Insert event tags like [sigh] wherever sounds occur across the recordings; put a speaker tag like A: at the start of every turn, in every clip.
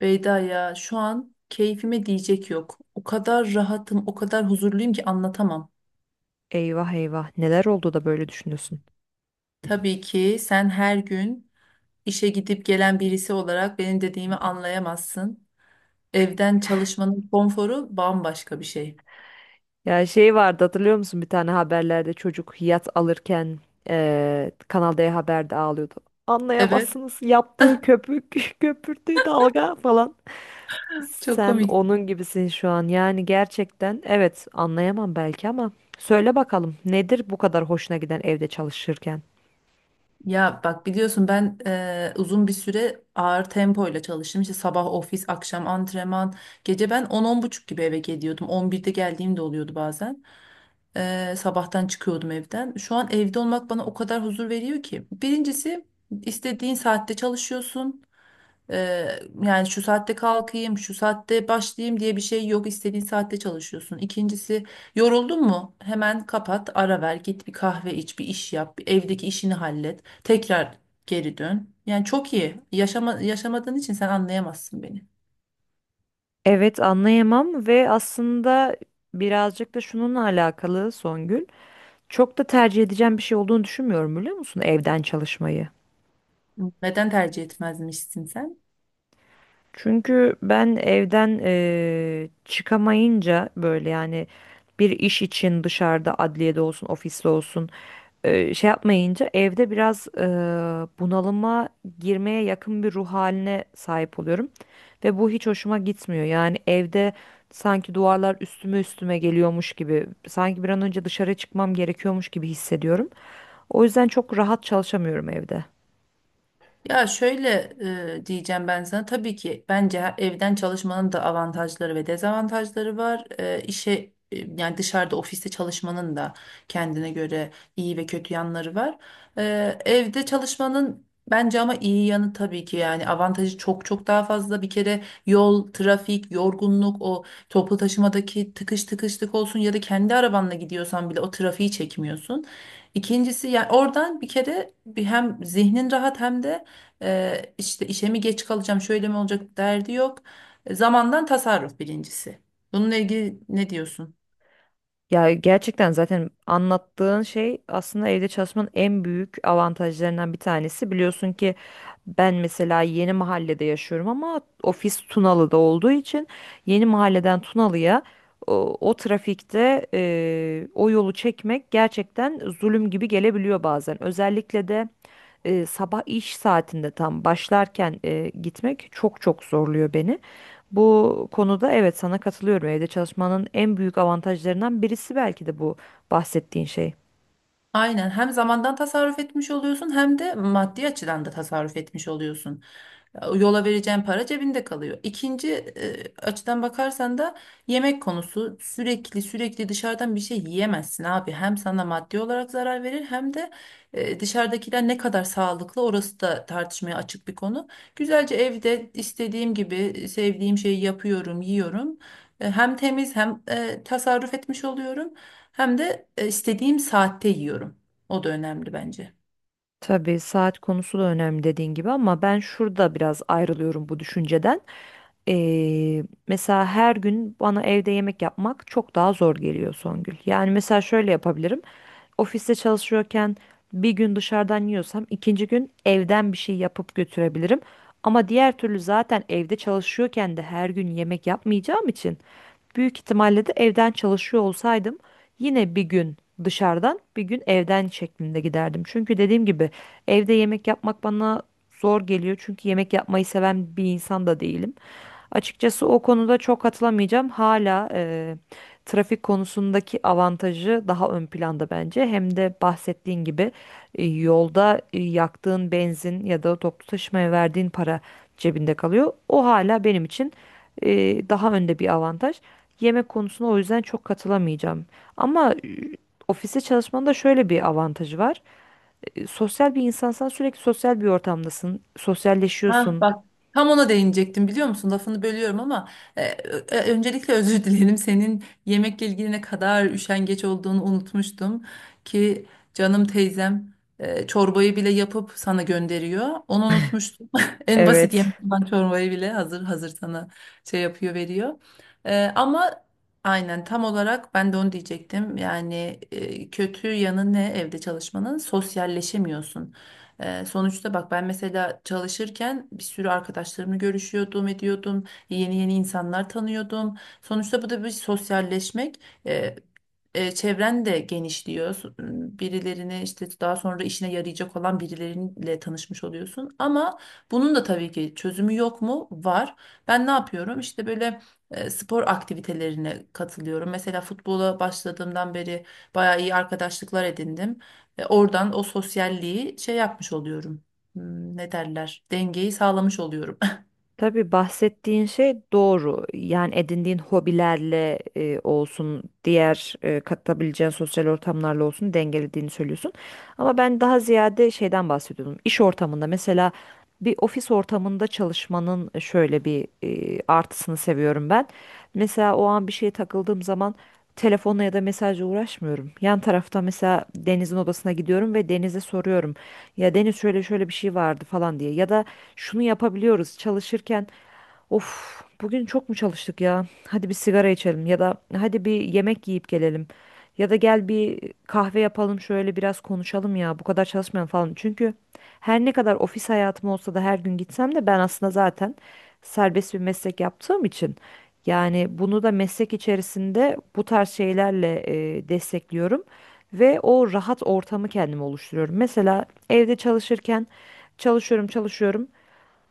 A: Beyda ya şu an keyfime diyecek yok. O kadar rahatım, o kadar huzurluyum ki anlatamam.
B: Eyvah eyvah, neler oldu da böyle düşünüyorsun?
A: Tabii ki sen her gün işe gidip gelen birisi olarak benim dediğimi anlayamazsın. Evden çalışmanın konforu bambaşka bir şey.
B: Ya şey vardı, hatırlıyor musun, bir tane haberlerde çocuk yat alırken Kanal D Haber'de ağlıyordu.
A: Evet,
B: Anlayamazsınız yaptığı köpük, [laughs] köpürttüğü dalga falan.
A: çok
B: Sen
A: komik.
B: onun gibisin şu an, yani gerçekten evet anlayamam belki ama söyle bakalım, nedir bu kadar hoşuna giden evde çalışırken?
A: Ya bak biliyorsun ben uzun bir süre ağır tempoyla çalıştım. İşte sabah ofis, akşam antrenman. Gece ben 10 buçuk gibi eve geliyordum. 11'de geldiğim de oluyordu bazen. Sabahtan çıkıyordum evden. Şu an evde olmak bana o kadar huzur veriyor ki. Birincisi istediğin saatte çalışıyorsun. Yani şu saatte kalkayım, şu saatte başlayayım diye bir şey yok. İstediğin saatte çalışıyorsun. İkincisi, yoruldun mu? Hemen kapat, ara ver, git bir kahve iç, bir iş yap, bir evdeki işini hallet. Tekrar geri dön. Yani çok iyi. Yaşama, yaşamadığın için sen anlayamazsın beni.
B: Evet, anlayamam ve aslında birazcık da şununla alakalı Songül. Çok da tercih edeceğim bir şey olduğunu düşünmüyorum, biliyor musun, evden çalışmayı.
A: Neden tercih etmezmişsin sen?
B: Çünkü ben evden çıkamayınca, böyle yani bir iş için dışarıda, adliyede olsun, ofiste olsun, şey yapmayınca evde biraz bunalıma girmeye yakın bir ruh haline sahip oluyorum. Ve bu hiç hoşuma gitmiyor. Yani evde sanki duvarlar üstüme üstüme geliyormuş gibi, sanki bir an önce dışarı çıkmam gerekiyormuş gibi hissediyorum. O yüzden çok rahat çalışamıyorum evde.
A: Ya şöyle diyeceğim ben sana. Tabii ki bence evden çalışmanın da avantajları ve dezavantajları var. İşe yani dışarıda ofiste çalışmanın da kendine göre iyi ve kötü yanları var. Evde çalışmanın bence ama iyi yanı tabii ki yani avantajı çok çok daha fazla. Bir kere yol, trafik, yorgunluk, o toplu taşımadaki tıkış tıkışlık olsun ya da kendi arabanla gidiyorsan bile o trafiği çekmiyorsun. İkincisi yani oradan bir kere bir hem zihnin rahat hem de işte işe mi geç kalacağım, şöyle mi olacak derdi yok. Zamandan tasarruf birincisi. Bununla ilgili ne diyorsun?
B: Ya gerçekten zaten anlattığın şey aslında evde çalışmanın en büyük avantajlarından bir tanesi. Biliyorsun ki ben mesela yeni mahallede yaşıyorum, ama ofis Tunalı'da olduğu için yeni mahalleden Tunalı'ya o trafikte, o yolu çekmek gerçekten zulüm gibi gelebiliyor bazen. Özellikle de sabah iş saatinde tam başlarken gitmek çok çok zorluyor beni. Bu konuda evet sana katılıyorum. Evde çalışmanın en büyük avantajlarından birisi belki de bu bahsettiğin şey.
A: Aynen hem zamandan tasarruf etmiş oluyorsun hem de maddi açıdan da tasarruf etmiş oluyorsun. Yola vereceğin para cebinde kalıyor. İkinci açıdan bakarsan da yemek konusu sürekli sürekli dışarıdan bir şey yiyemezsin abi. Hem sana maddi olarak zarar verir hem de dışarıdakiler ne kadar sağlıklı orası da tartışmaya açık bir konu. Güzelce evde istediğim gibi sevdiğim şeyi yapıyorum, yiyorum. Hem temiz hem tasarruf etmiş oluyorum hem de istediğim saatte yiyorum. O da önemli bence.
B: Tabii saat konusu da önemli dediğin gibi, ama ben şurada biraz ayrılıyorum bu düşünceden. Mesela her gün bana evde yemek yapmak çok daha zor geliyor Songül. Yani mesela şöyle yapabilirim. Ofiste çalışıyorken bir gün dışarıdan yiyorsam ikinci gün evden bir şey yapıp götürebilirim. Ama diğer türlü zaten evde çalışıyorken de her gün yemek yapmayacağım için, büyük ihtimalle de evden çalışıyor olsaydım yine bir gün dışarıdan, bir gün evden şeklinde giderdim. Çünkü dediğim gibi evde yemek yapmak bana zor geliyor. Çünkü yemek yapmayı seven bir insan da değilim. Açıkçası o konuda çok katılamayacağım. Hala trafik konusundaki avantajı daha ön planda bence. Hem de bahsettiğin gibi yolda yaktığın benzin ya da toplu taşımaya verdiğin para cebinde kalıyor. O hala benim için e, daha önde bir avantaj. Yemek konusuna o yüzden çok katılamayacağım. Ama ofiste çalışmanın da şöyle bir avantajı var. Sosyal bir insansan sürekli sosyal bir ortamdasın.
A: Ha
B: Sosyalleşiyorsun.
A: bak tam ona değinecektim biliyor musun? Lafını bölüyorum ama öncelikle [laughs] özür dilerim. Senin yemekle ilgili ne kadar üşengeç olduğunu unutmuştum ki canım teyzem çorbayı bile yapıp sana gönderiyor. Onu unutmuştum. [laughs] En basit
B: Evet.
A: yemek olan çorbayı bile hazır hazır sana şey yapıyor veriyor. Ama aynen tam olarak ben de onu diyecektim. Yani kötü yanı ne evde çalışmanın? Sosyalleşemiyorsun. Sonuçta bak ben mesela çalışırken bir sürü arkadaşlarımla görüşüyordum, ediyordum. Yeni yeni insanlar tanıyordum. Sonuçta bu da bir sosyalleşmek. Ee, Çevren de genişliyor. Birilerine işte daha sonra işine yarayacak olan birileriyle tanışmış oluyorsun. Ama bunun da tabii ki çözümü yok mu? Var. Ben ne yapıyorum? İşte böyle spor aktivitelerine katılıyorum. Mesela futbola başladığımdan beri bayağı iyi arkadaşlıklar edindim. Oradan o sosyalliği şey yapmış oluyorum. Hmm. Ne derler? Dengeyi sağlamış oluyorum. [laughs]
B: Tabii bahsettiğin şey doğru. Yani edindiğin hobilerle olsun, diğer katılabileceğin sosyal ortamlarla olsun dengelediğini söylüyorsun. Ama ben daha ziyade şeyden bahsediyordum. İş ortamında mesela bir ofis ortamında çalışmanın şöyle bir artısını seviyorum ben. Mesela o an bir şeye takıldığım zaman telefonla ya da mesajla uğraşmıyorum. Yan tarafta mesela Deniz'in odasına gidiyorum ve Deniz'e soruyorum. Ya Deniz, şöyle şöyle bir şey vardı falan diye. Ya da şunu yapabiliyoruz çalışırken. Of, bugün çok mu çalıştık ya? Hadi bir sigara içelim, ya da hadi bir yemek yiyip gelelim. Ya da gel bir kahve yapalım, şöyle biraz konuşalım ya, bu kadar çalışmayalım falan. Çünkü her ne kadar ofis hayatım olsa da, her gün gitsem de, ben aslında zaten serbest bir meslek yaptığım için, yani bunu da meslek içerisinde bu tarz şeylerle destekliyorum ve o rahat ortamı kendim oluşturuyorum. Mesela evde çalışırken çalışıyorum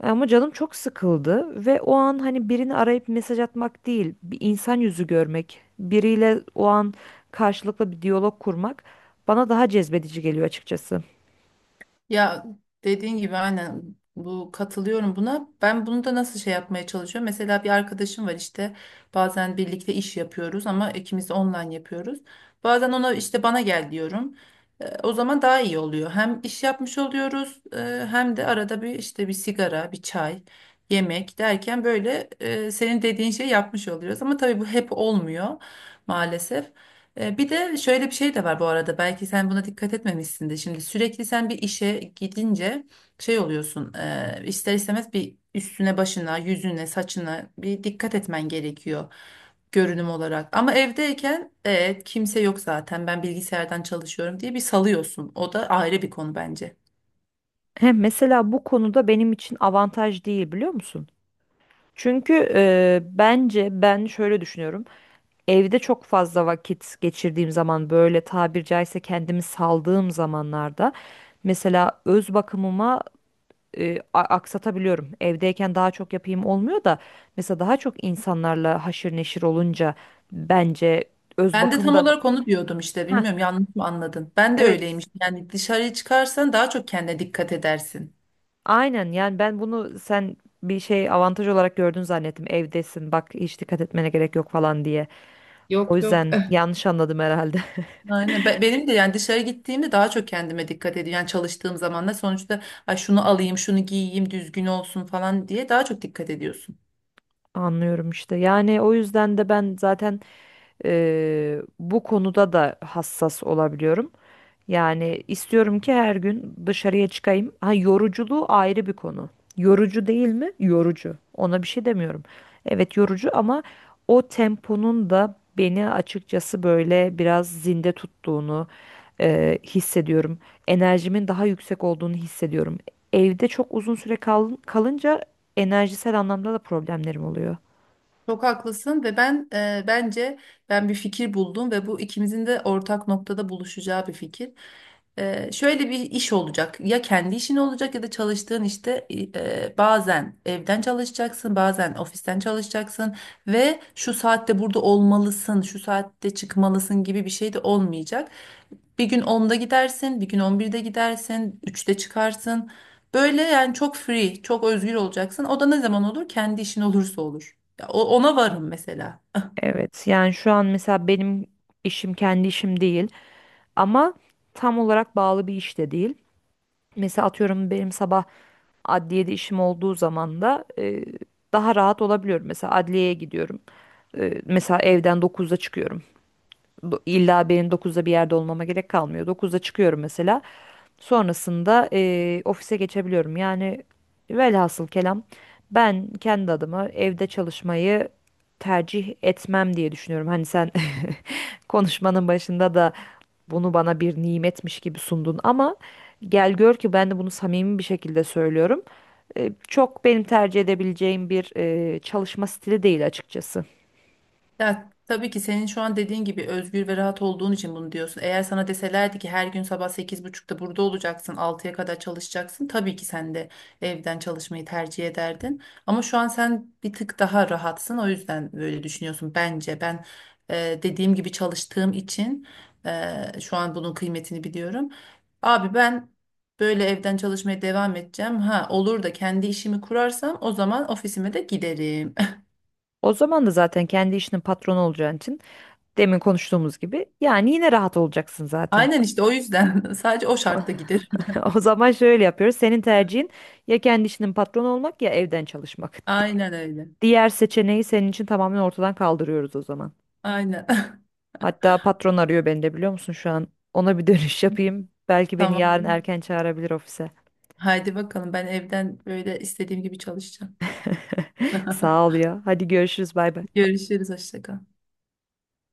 B: ama canım çok sıkıldı ve o an hani birini arayıp mesaj atmak değil, bir insan yüzü görmek, biriyle o an karşılıklı bir diyalog kurmak bana daha cezbedici geliyor açıkçası.
A: Ya dediğin gibi aynen bu katılıyorum buna. Ben bunu da nasıl şey yapmaya çalışıyorum? Mesela bir arkadaşım var işte bazen birlikte iş yapıyoruz ama ikimiz de online yapıyoruz. Bazen ona işte bana gel diyorum. O zaman daha iyi oluyor. Hem iş yapmış oluyoruz hem de arada bir işte bir sigara, bir çay, yemek derken böyle senin dediğin şeyi yapmış oluyoruz. Ama tabii bu hep olmuyor maalesef. Bir de şöyle bir şey de var bu arada, belki sen buna dikkat etmemişsin de. Şimdi sürekli sen bir işe gidince şey oluyorsun, ister istemez bir üstüne başına yüzüne saçına bir dikkat etmen gerekiyor görünüm olarak. Ama evdeyken evet kimse yok zaten, ben bilgisayardan çalışıyorum diye bir salıyorsun, o da ayrı bir konu bence.
B: Hem mesela bu konuda benim için avantaj değil, biliyor musun? Çünkü bence ben şöyle düşünüyorum. Evde çok fazla vakit geçirdiğim zaman, böyle tabir caizse kendimi saldığım zamanlarda, mesela öz bakımıma aksatabiliyorum. Evdeyken daha çok yapayım olmuyor da mesela daha çok insanlarla haşır neşir olunca bence öz
A: Ben de
B: bakımı
A: tam
B: da
A: olarak onu diyordum işte,
B: ha,
A: bilmiyorum yanlış mı anladın? Ben de
B: evet,
A: öyleymiş, yani dışarıya çıkarsan daha çok kendine dikkat edersin.
B: aynen. Yani ben bunu sen bir şey avantaj olarak gördün zannettim. Evdesin, bak hiç dikkat etmene gerek yok falan diye. O
A: Yok, yok.
B: yüzden yanlış anladım herhalde. [laughs]
A: Aynen. Benim de yani dışarı gittiğimde daha çok kendime dikkat ediyorum. Yani çalıştığım zaman da sonuçta ay şunu alayım, şunu giyeyim, düzgün olsun falan diye daha çok dikkat ediyorsun.
B: Anlıyorum işte. Yani o yüzden de ben zaten bu konuda da hassas olabiliyorum. Yani istiyorum ki her gün dışarıya çıkayım. Ha, yoruculuğu ayrı bir konu. Yorucu değil mi? Yorucu. Ona bir şey demiyorum. Evet yorucu, ama o temponun da beni açıkçası böyle biraz zinde tuttuğunu hissediyorum. Enerjimin daha yüksek olduğunu hissediyorum. Evde çok uzun süre kalınca enerjisel anlamda da problemlerim oluyor.
A: Çok haklısın ve ben ben bir fikir buldum ve bu ikimizin de ortak noktada buluşacağı bir fikir. Şöyle bir iş olacak. Ya kendi işin olacak ya da çalıştığın işte bazen evden çalışacaksın, bazen ofisten çalışacaksın ve şu saatte burada olmalısın, şu saatte çıkmalısın gibi bir şey de olmayacak. Bir gün onda gidersin, bir gün on birde gidersin, üçte çıkarsın. Böyle yani çok free, çok özgür olacaksın. O da ne zaman olur? Kendi işin olursa olur. Ya, ona varım mesela.
B: Evet yani şu an mesela benim işim kendi işim değil, ama tam olarak bağlı bir iş de değil. Mesela atıyorum, benim sabah adliyede işim olduğu zaman da daha rahat olabiliyorum. Mesela adliyeye gidiyorum. Mesela evden dokuzda çıkıyorum. İlla benim 9'da bir yerde olmama gerek kalmıyor. Dokuzda çıkıyorum mesela. Sonrasında ofise geçebiliyorum. Yani velhasıl kelam, ben kendi adıma evde çalışmayı tercih etmem diye düşünüyorum. Hani sen konuşmanın başında da bunu bana bir nimetmiş gibi sundun, ama gel gör ki ben de bunu samimi bir şekilde söylüyorum. Çok benim tercih edebileceğim bir çalışma stili değil açıkçası.
A: Ya tabii ki senin şu an dediğin gibi özgür ve rahat olduğun için bunu diyorsun. Eğer sana deselerdi ki her gün sabah sekiz buçukta burada olacaksın, altıya kadar çalışacaksın. Tabii ki sen de evden çalışmayı tercih ederdin. Ama şu an sen bir tık daha rahatsın. O yüzden böyle düşünüyorsun bence. Ben dediğim gibi çalıştığım için şu an bunun kıymetini biliyorum. Abi ben böyle evden çalışmaya devam edeceğim. Ha olur da kendi işimi kurarsam o zaman ofisime de giderim.
B: O zaman da zaten kendi işinin patronu olacağın için, demin konuştuğumuz gibi, yani yine rahat olacaksın zaten.
A: Aynen işte o yüzden [laughs] sadece o
B: O, [laughs]
A: şartta giderim.
B: o zaman şöyle yapıyoruz. Senin tercihin ya kendi işinin patronu olmak ya evden çalışmak.
A: Aynen öyle.
B: Diğer seçeneği senin için tamamen ortadan kaldırıyoruz o zaman.
A: Aynen.
B: Hatta patron arıyor beni de, biliyor musun şu an? Ona bir [laughs] dönüş yapayım.
A: [laughs]
B: Belki beni
A: Tamam.
B: yarın erken çağırabilir ofise.
A: Haydi bakalım ben evden böyle istediğim gibi çalışacağım.
B: [laughs]
A: [laughs]
B: Sağ ol ya. Hadi görüşürüz, bay bay.
A: Görüşürüz. Hoşça kal.